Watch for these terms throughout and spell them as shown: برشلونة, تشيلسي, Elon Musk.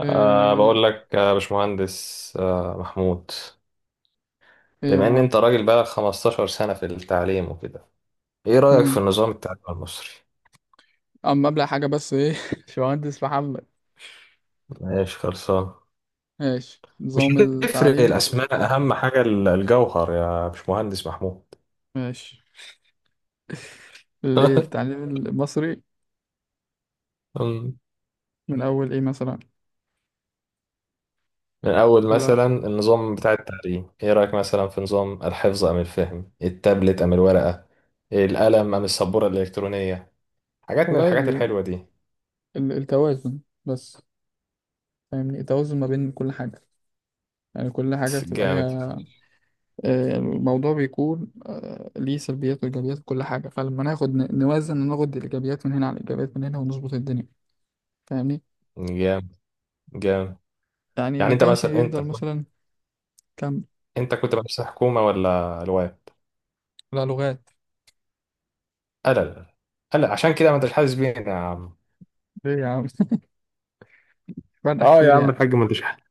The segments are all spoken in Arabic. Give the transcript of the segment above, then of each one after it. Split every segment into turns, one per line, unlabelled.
ايه
بقول لك يا باشمهندس محمود.
ايه. يا
بما ان
معلم.
انت راجل بقالك 15 سنة في التعليم وكده، ايه رأيك في
امم
النظام التعليمي المصري؟
اما ابلع حاجه بس ايه باشمهندس محمد.
ماشي، خلصان.
ماشي
مش
نظام
هتفرق
التعليم.
الاسماء، اهم حاجة الجوهر يا باشمهندس محمود.
ماشي الايه التعليم المصري؟
أمم.
من اول ايه مثلا؟
من اول
لا
مثلا النظام بتاع التعليم، ايه رأيك مثلا في نظام الحفظ ام الفهم، التابلت ام الورقة، القلم ام السبورة الالكترونية، حاجات من
والله
الحاجات الحلوة دي.
التوازن بس. فاهمني، التوازن ما بين كل حاجه، يعني كل حاجه بتبقى
جامد،
ليها الموضوع بيكون ليه سلبيات وايجابيات كل حاجه، فلما ناخد نوزن ناخد الايجابيات من هنا على الايجابيات من هنا ونظبط الدنيا. فاهمني؟
جامد، جامد.
يعني
يعني
ما
انت
كانش
مثلا انت
يفضل مثلا. كام؟
انت كنت مدرسة حكومة ولا الواد؟
لا لغات.
لا، لا، لا، لا، عشان كده ما انتش حاسس بينا يا عم.
ليه يا عم؟ فرق
اه يا
كتير
عم
يعني.
الحاج، ما انتش حاسس.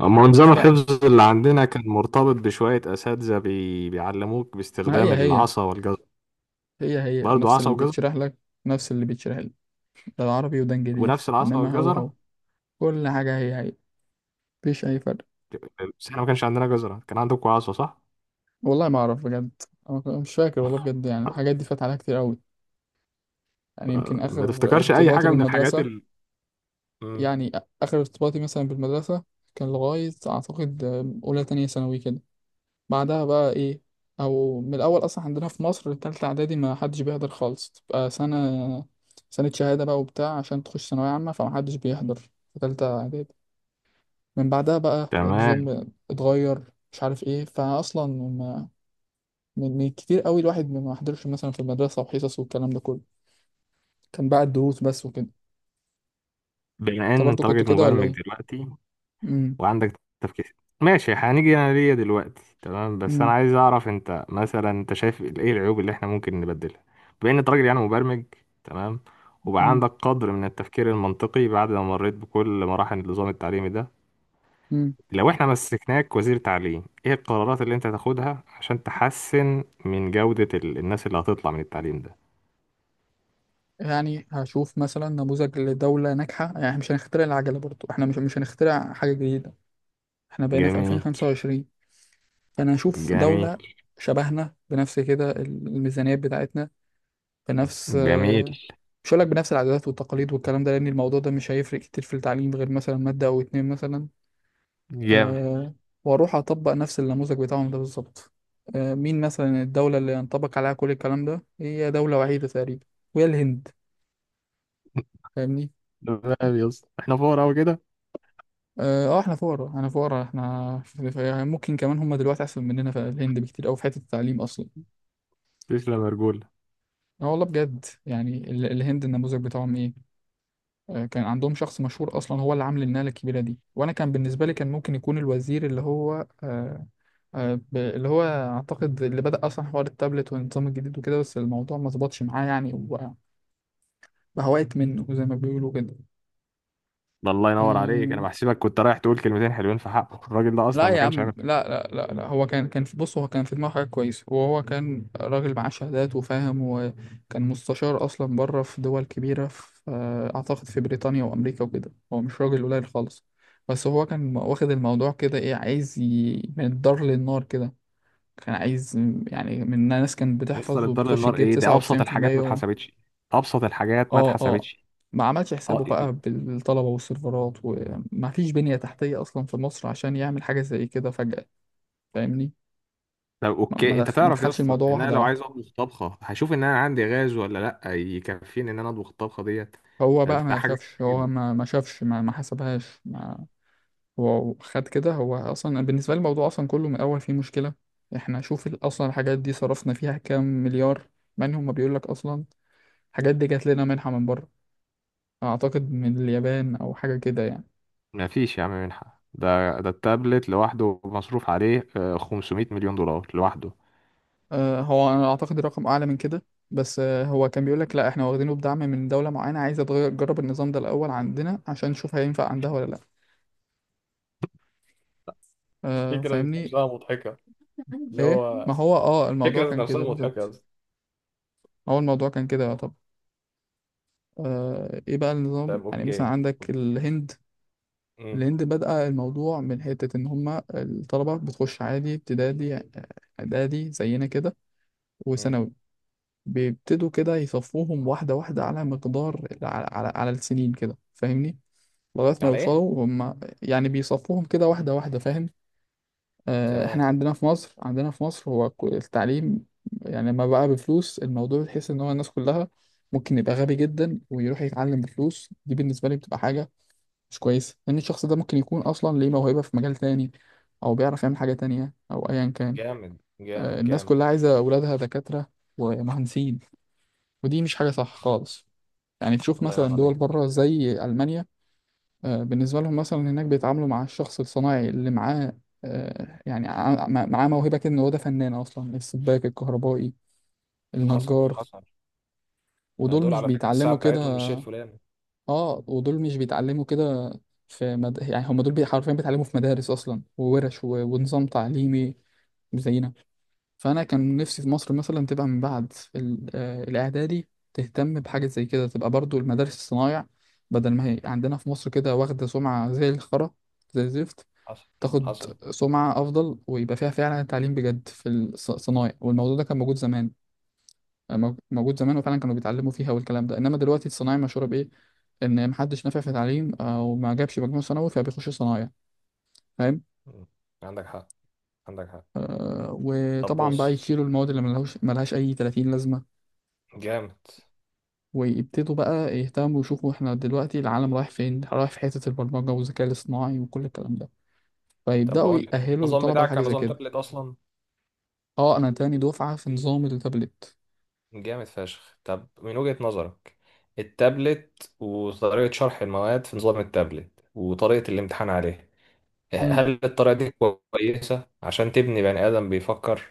اما
مش
نظام
فرق،
الحفظ اللي عندنا كان مرتبط بشوية أساتذة بيعلموك
ما هي
باستخدام
هي،
العصا والجزر.
هي هي
برضه
نفس
عصا
اللي
وجزر
بتشرح لك، نفس اللي بيتشرح لي، ده العربي وده انجليزي
ونفس العصا
انما هو هو،
والجزرة.
كل حاجة هي هي، مفيش اي فرق.
بس احنا ما كانش عندنا جزرة، كان عندكم عصا صح؟
والله ما اعرف بجد، أنا مش فاكر والله بجد، يعني الحاجات دي فات عليها كتير قوي. يعني يمكن
ما
اخر
تفتكرش أي
ارتباطي
حاجة من الحاجات
بالمدرسة،
مم.
يعني اخر ارتباطي مثلا بالمدرسة كان لغاية اعتقد اولى تانية ثانوي كده. بعدها بقى ايه، او من الاول اصلا عندنا في مصر تالتة اعدادي ما حدش بيحضر خالص، تبقى سنة سنة شهادة بقى وبتاع عشان تخش ثانوية عامة، فما حدش بيحضر في تالتة اعدادي. من بعدها بقى
تمام.
النظام اتغير، مش عارف ايه فاصلا من كتير قوي الواحد ما حضرش مثلا في المدرسة وحصص والكلام ده كله، كان بقى الدروس بس وكده.
بما
انت
إن
برضو
أنت
كنت
راجل
كده ولا
مبرمج
ايه؟
دلوقتي
امم
وعندك تفكير، ماشي. هنيجي انا ليا دلوقتي، تمام، بس انا
امم
عايز اعرف انت مثلا شايف ايه العيوب اللي احنا ممكن نبدلها؟ بما ان انت راجل يعني مبرمج، تمام، وبقى
امم
عندك قدر من التفكير المنطقي بعد ما مريت بكل مراحل النظام التعليمي ده،
امم
لو احنا مسكناك وزير تعليم ايه القرارات اللي انت تاخدها عشان تحسن من جودة الناس اللي هتطلع من التعليم ده؟
يعني هشوف مثلا نموذج لدولة ناجحة، يعني إحنا مش هنخترع العجلة برضو، احنا مش هنخترع حاجة جديدة، احنا بقينا في
جميل،
2025. فانا اشوف
جميل،
دولة شبهنا بنفس كده الميزانيات بتاعتنا، بنفس
جميل.
مش هقول لك بنفس العادات والتقاليد والكلام ده لان الموضوع ده مش هيفرق كتير في التعليم غير مثلا مادة او اتنين مثلا،
جامد.
أه، واروح اطبق نفس النموذج بتاعهم ده بالظبط. أه، مين مثلا الدولة اللي ينطبق عليها كل الكلام ده؟ هي دولة وحيدة تقريبا، وهي الهند. فاهمني؟
تمام يا اسطى، احنا فقراء أوي كده.
اه احنا فقراء، احنا فقراء، احنا ممكن كمان هم دلوقتي احسن مننا في الهند بكتير، او في حتة التعليم اصلا.
تسلم يا رجولة.
اه والله بجد، يعني الهند النموذج بتاعهم ايه، كان عندهم شخص مشهور اصلا هو اللي عامل الناله الكبيره دي، وانا كان بالنسبه لي كان ممكن يكون الوزير اللي هو اللي هو اعتقد اللي بدأ اصلا حوار التابلت والنظام الجديد وكده، بس الموضوع ما ظبطش معاه يعني، وبقى بقى وقت منه زي ما بيقولوا كده.
ده الله ينور عليك، انا
آه،
بحسبك كنت رايح تقول كلمتين حلوين في حقه، الراجل ده
لا
اصلا ما
يا
كانش
عم،
عامل حاجه.
لا لا لا لا، هو كان في بص، هو كان في دماغه حاجة كويسة، وهو كان راجل معاه شهادات وفاهم، وكان مستشار أصلا بره في دول كبيرة، في أعتقد في بريطانيا وأمريكا وكده، هو مش راجل قليل خالص. بس هو كان واخد الموضوع كده إيه، عايز من الدار للنار كده. كان عايز يعني من ناس كانت
يصل
بتحفظ
الدار
وبتخش
للنار؟
تجيب
ايه ده،
تسعة
ابسط
وتسعين في
الحاجات ما
المية
اتحسبتش. ابسط الحاجات ما
اه اه.
اتحسبتش.
ما عملش حسابه
اه إيه.
بقى
إيه.
بالطلبة والسيرفرات، وما فيش بنية تحتية أصلا في مصر عشان يعمل حاجة زي كده فجأة. فاهمني؟
طب اوكي، انت
ما
تعرف يا
دخلش
اسطى
الموضوع
ان انا
واحدة
لو عايز
واحدة.
اطبخ طبخه هشوف ان انا عندي غاز ولا لا يكفيني ان انا اطبخ الطبخه ديت.
هو بقى
ده
ما
حاجه
شافش،
مستحيل
هو
جدا.
ما شافش، ما حسبهاش ما هو خد كده. هو أصلا بالنسبة لي الموضوع أصلا كله من الأول فيه مشكلة. إحنا شوف أصلا الحاجات دي صرفنا فيها كام مليار، منهم ما بيقولك أصلا الحاجات دي جات لنا منحة من بره، أعتقد من اليابان أو حاجة كده يعني.
ما فيش يا عم منحه. ده التابلت لوحده مصروف عليه 500 مليون دولار لوحده.
أه، هو أنا أعتقد الرقم أعلى من كده، بس هو كان بيقولك لا، إحنا واخدينه بدعم من دولة معينة عايزة تغير تجرب النظام ده الأول عندنا عشان نشوف هينفع عندها ولا لأ.
الفكرة ذات
فاهمني؟
نفسها مضحكة. اللي
ايه ما
هو
هو اه الموضوع
الفكرة ذات
كان
نفسها
كده
مضحكة يا
بالظبط.
اسطى.
هو الموضوع كان كده. طب ايه بقى النظام،
طب
يعني مثلا
اوكي.
عندك الهند،
مم.
الهند بدأ الموضوع من حتة ان هما الطلبة بتخش عادي ابتدائي، اعدادي زينا كده،
مم.
وثانوي، بيبتدوا كده يصفوهم واحدة واحدة، على مقدار، على السنين كده، فاهمني؟ لغاية ما
على ايه؟
يوصلوا هما، يعني بيصفوهم كده واحدة واحدة، فاهم؟
تمام.
احنا عندنا في مصر، عندنا في مصر هو التعليم يعني لما بقى بفلوس الموضوع تحس ان هو الناس كلها ممكن يبقى غبي جدا ويروح يتعلم بفلوس دي، بالنسبة لي بتبقى حاجة مش كويسة، لان الشخص ده ممكن يكون اصلا ليه موهبة في مجال تاني، او بيعرف يعمل حاجة تانية، او ايا كان.
جامد، جامد،
الناس
جامد.
كلها عايزة اولادها دكاترة ومهندسين، ودي مش حاجة صح خالص. يعني تشوف
الله ينور
مثلا دول
عليك.
بره زي ألمانيا، بالنسبة لهم مثلا هناك بيتعاملوا مع الشخص الصناعي اللي معاه، يعني معاه موهبة كده، إن هو ده فنان أصلا، السباك، الكهربائي،
حصل،
النجار،
حصل.
ودول
دول
مش
على فكرة الساعة
بيتعلموا كده،
بتاعتهم مش هي الفلاني.
ودول مش بيتعلموا كده، في يعني هم دول حرفيا بيتعلموا في مدارس أصلا وورش ونظام تعليمي زينا. فأنا كان نفسي في مصر مثلا تبقى من بعد ال... آه، الإعدادي تهتم بحاجة زي كده، تبقى برضو المدارس الصنايع، بدل ما هي عندنا في مصر كده واخدة سمعة زي الخرا، زي الزفت،
حصل،
تاخد
حصل.
سمعة أفضل، ويبقى فيها فعلا تعليم بجد في الصنايع. والموضوع ده كان موجود زمان، موجود زمان، وفعلا كانوا بيتعلموا فيها والكلام ده. إنما دلوقتي الصنايع مشهورة بإيه؟ إن محدش نافع في تعليم أو ما جابش مجموع ثانوي فبيخش صنايع، فاهم؟
مم. عندك حق، عندك حق.
آه،
طب
وطبعا بقى
بص.
يشيلوا المواد اللي ملهاش أي 30 لازمة،
جامد.
ويبتدوا بقى يهتموا يشوفوا إحنا دلوقتي العالم رايح فين؟ رايح في حتة البرمجة والذكاء الاصطناعي وكل الكلام ده،
طب
فيبدأوا
بقول لك انت،
يأهلوا
النظام
الطلبة
بتاعك
لحاجة
كان
زي
نظام
كده.
تابلت اصلا.
أه، أنا تاني دفعة في نظام التابلت.
جامد فشخ. طب من وجهة نظرك، التابلت وطريقة شرح المواد في نظام التابلت وطريقة الامتحان عليه، هل الطريقة دي كويسة عشان تبني بني آدم بيفكر؟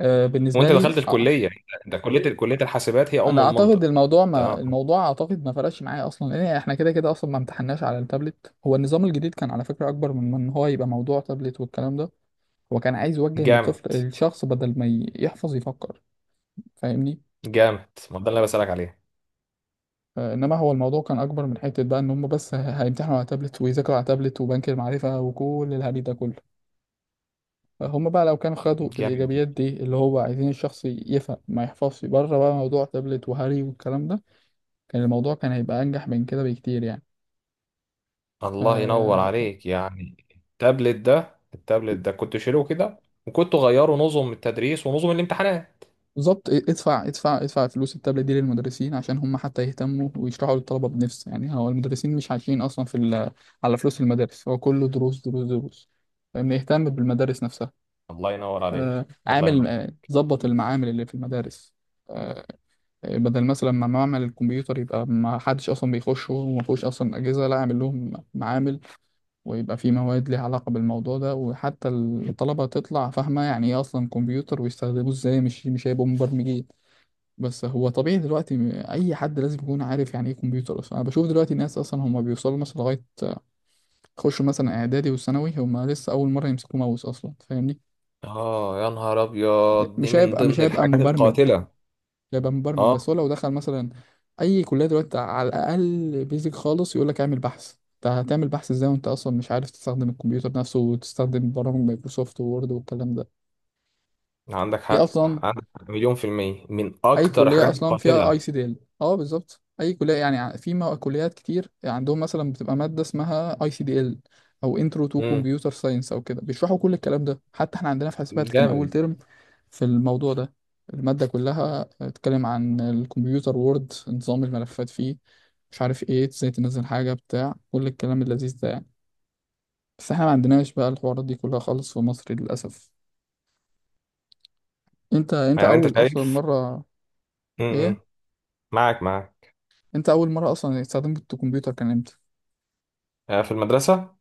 آه، بالنسبه
وانت
لي
دخلت
آه.
الكليه، ده كليه الحاسبات هي
انا
ام
اعتقد
المنطق.
الموضوع، ما
تمام.
الموضوع اعتقد ما فرقش معايا اصلا، لان احنا كده كده اصلا ما امتحناش على التابلت. هو النظام الجديد كان على فكره اكبر من ان هو يبقى موضوع تابلت والكلام ده، هو كان عايز يوجه ان
جامد،
الطفل، الشخص، بدل ما يحفظ يفكر، فاهمني؟
جامد. ما ده اللي انا بسالك عليه.
انما هو الموضوع كان اكبر من حته بقى ان هم بس هيمتحنوا على تابلت ويذاكروا على تابلت وبنك المعرفه وكل الهري ده كله. هم بقى لو كانوا خدوا
جامد
الايجابيات
جدا.
دي اللي هو عايزين الشخص يفهم ما يحفظش، بره بقى موضوع تابلت وهري والكلام ده، الموضوع كان هيبقى انجح من كده بكتير يعني.
الله ينور
آه،
عليك يعني. التابلت ده كنت شيله كده، وكنت غيره نظم التدريس ونظم الامتحانات.
بالظبط، ادفع ادفع ادفع فلوس التابلت دي للمدرسين عشان هم حتى يهتموا ويشرحوا للطلبه بنفس، يعني هو المدرسين مش عايشين اصلا في على فلوس المدارس، هو كله دروس دروس دروس، فإن يهتم بالمدارس نفسها،
الله ينور عليك. الله
عامل
ينور.
ظبط المعامل اللي في المدارس، آه، بدل مثلا ما معمل الكمبيوتر يبقى ما حدش اصلا بيخشه وما فيهوش اصلا اجهزه، لا، اعمل لهم معامل، ويبقى في مواد ليها علاقة بالموضوع ده، وحتى الطلبة تطلع فاهمة يعني ايه اصلا كمبيوتر ويستخدموه ازاي. مش هيبقوا مبرمجين، بس هو طبيعي دلوقتي اي حد لازم يكون عارف يعني ايه كمبيوتر اصلا. انا بشوف دلوقتي ناس اصلا هم بيوصلوا مثلا لغاية يخشوا مثلا اعدادي وثانوي هم لسه اول مرة يمسكوا ماوس اصلا، فاهمني؟
اه يا نهار ابيض، دي
مش
من
هيبقى مش
ضمن
هيبقى
الحاجات
مبرمج،
القاتله.
يبقى مبرمج
اه.
بس هو لو دخل مثلا اي كليه دلوقتي على الاقل، بيزك خالص يقول لك اعمل بحث، انت هتعمل بحث ازاي وانت اصلا مش عارف تستخدم الكمبيوتر نفسه وتستخدم برامج مايكروسوفت وورد والكلام ده؟
عندك
هي
حق،
اصلا
عندك حق، مليون في المية من
اي
اكتر
كليه
الحاجات
اصلا فيها اي
القاتله.
سي ديل اه بالظبط، اي كليه يعني كليات كتير عندهم مثلا بتبقى ماده اسمها ICDL، او انترو تو
امم
كمبيوتر ساينس او كده، بيشرحوا كل الكلام ده، حتى احنا عندنا في حسابات كان اول
جامد.
ترم في الموضوع ده، الماده كلها بتتكلم عن الكمبيوتر، وورد، نظام الملفات فيه، مش عارف ايه، ازاي تنزل حاجه بتاع، كل الكلام اللذيذ ده يعني. بس احنا ما عندناش بقى الحوارات دي كلها خالص في مصر للاسف. انت
يعني انت
اول اصلا
شايف؟
مره، ايه،
امم معاك، معاك.
انت اول مره اصلا استخدمت الكمبيوتر كان امتى؟
في المدرسة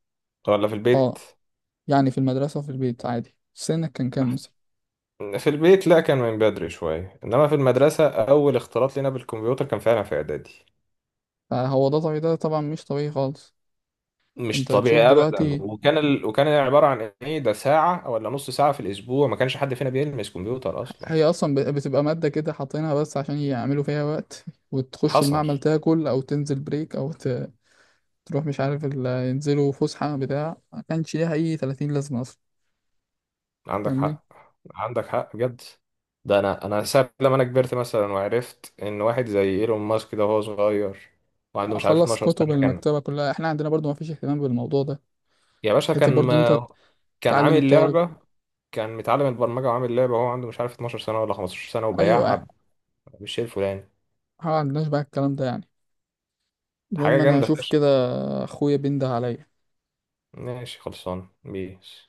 ولا في البيت؟
اه يعني في المدرسة وفي البيت عادي، سنك كان كام مثلا؟
في البيت، لا كان من بدري شوية، إنما في المدرسة أول اختلاط لنا بالكمبيوتر كان فعلا في إعدادي.
فهو ده طبيعي، ده طبعا مش طبيعي خالص.
مش
انت تشوف
طبيعي أبدا.
دلوقتي،
وكان عبارة عن إيه ده، ساعة ولا نص ساعة في الأسبوع. ما كانش حد فينا بيلمس كمبيوتر أصلا.
هي اصلا بتبقى مادة كده حاطينها بس عشان يعملوا فيها وقت، وتخش
حصل.
المعمل تاكل او تنزل بريك او تروح مش عارف ينزلوا فسحة بتاع، ما كانش ليها اي 30 لازمة اصلا،
عندك
فاهمني؟
حق، عندك حق بجد. ده أنا ساعة لما أنا كبرت مثلا، وعرفت إن واحد زي إيلون ماسك ده وهو صغير وعنده مش عارف
اخلص
12
كتب
سنة كان.
المكتبة كلها، احنا عندنا برضو ما فيش اهتمام بالموضوع ده،
يا باشا كان
حتى برضو انت
ما... كان
تعلم
عامل
الطالب.
لعبة. كان متعلم البرمجة وعامل لعبة وهو عنده مش عارف 12 سنة ولا 15 سنة
ايوه،
وبيعها بالشيء الفلاني.
ما عندناش بقى الكلام ده يعني.
حاجة
المهم انا
جامدة
اشوف
فشخ.
كده، اخويا بينده عليا.
ماشي خلصان بيس.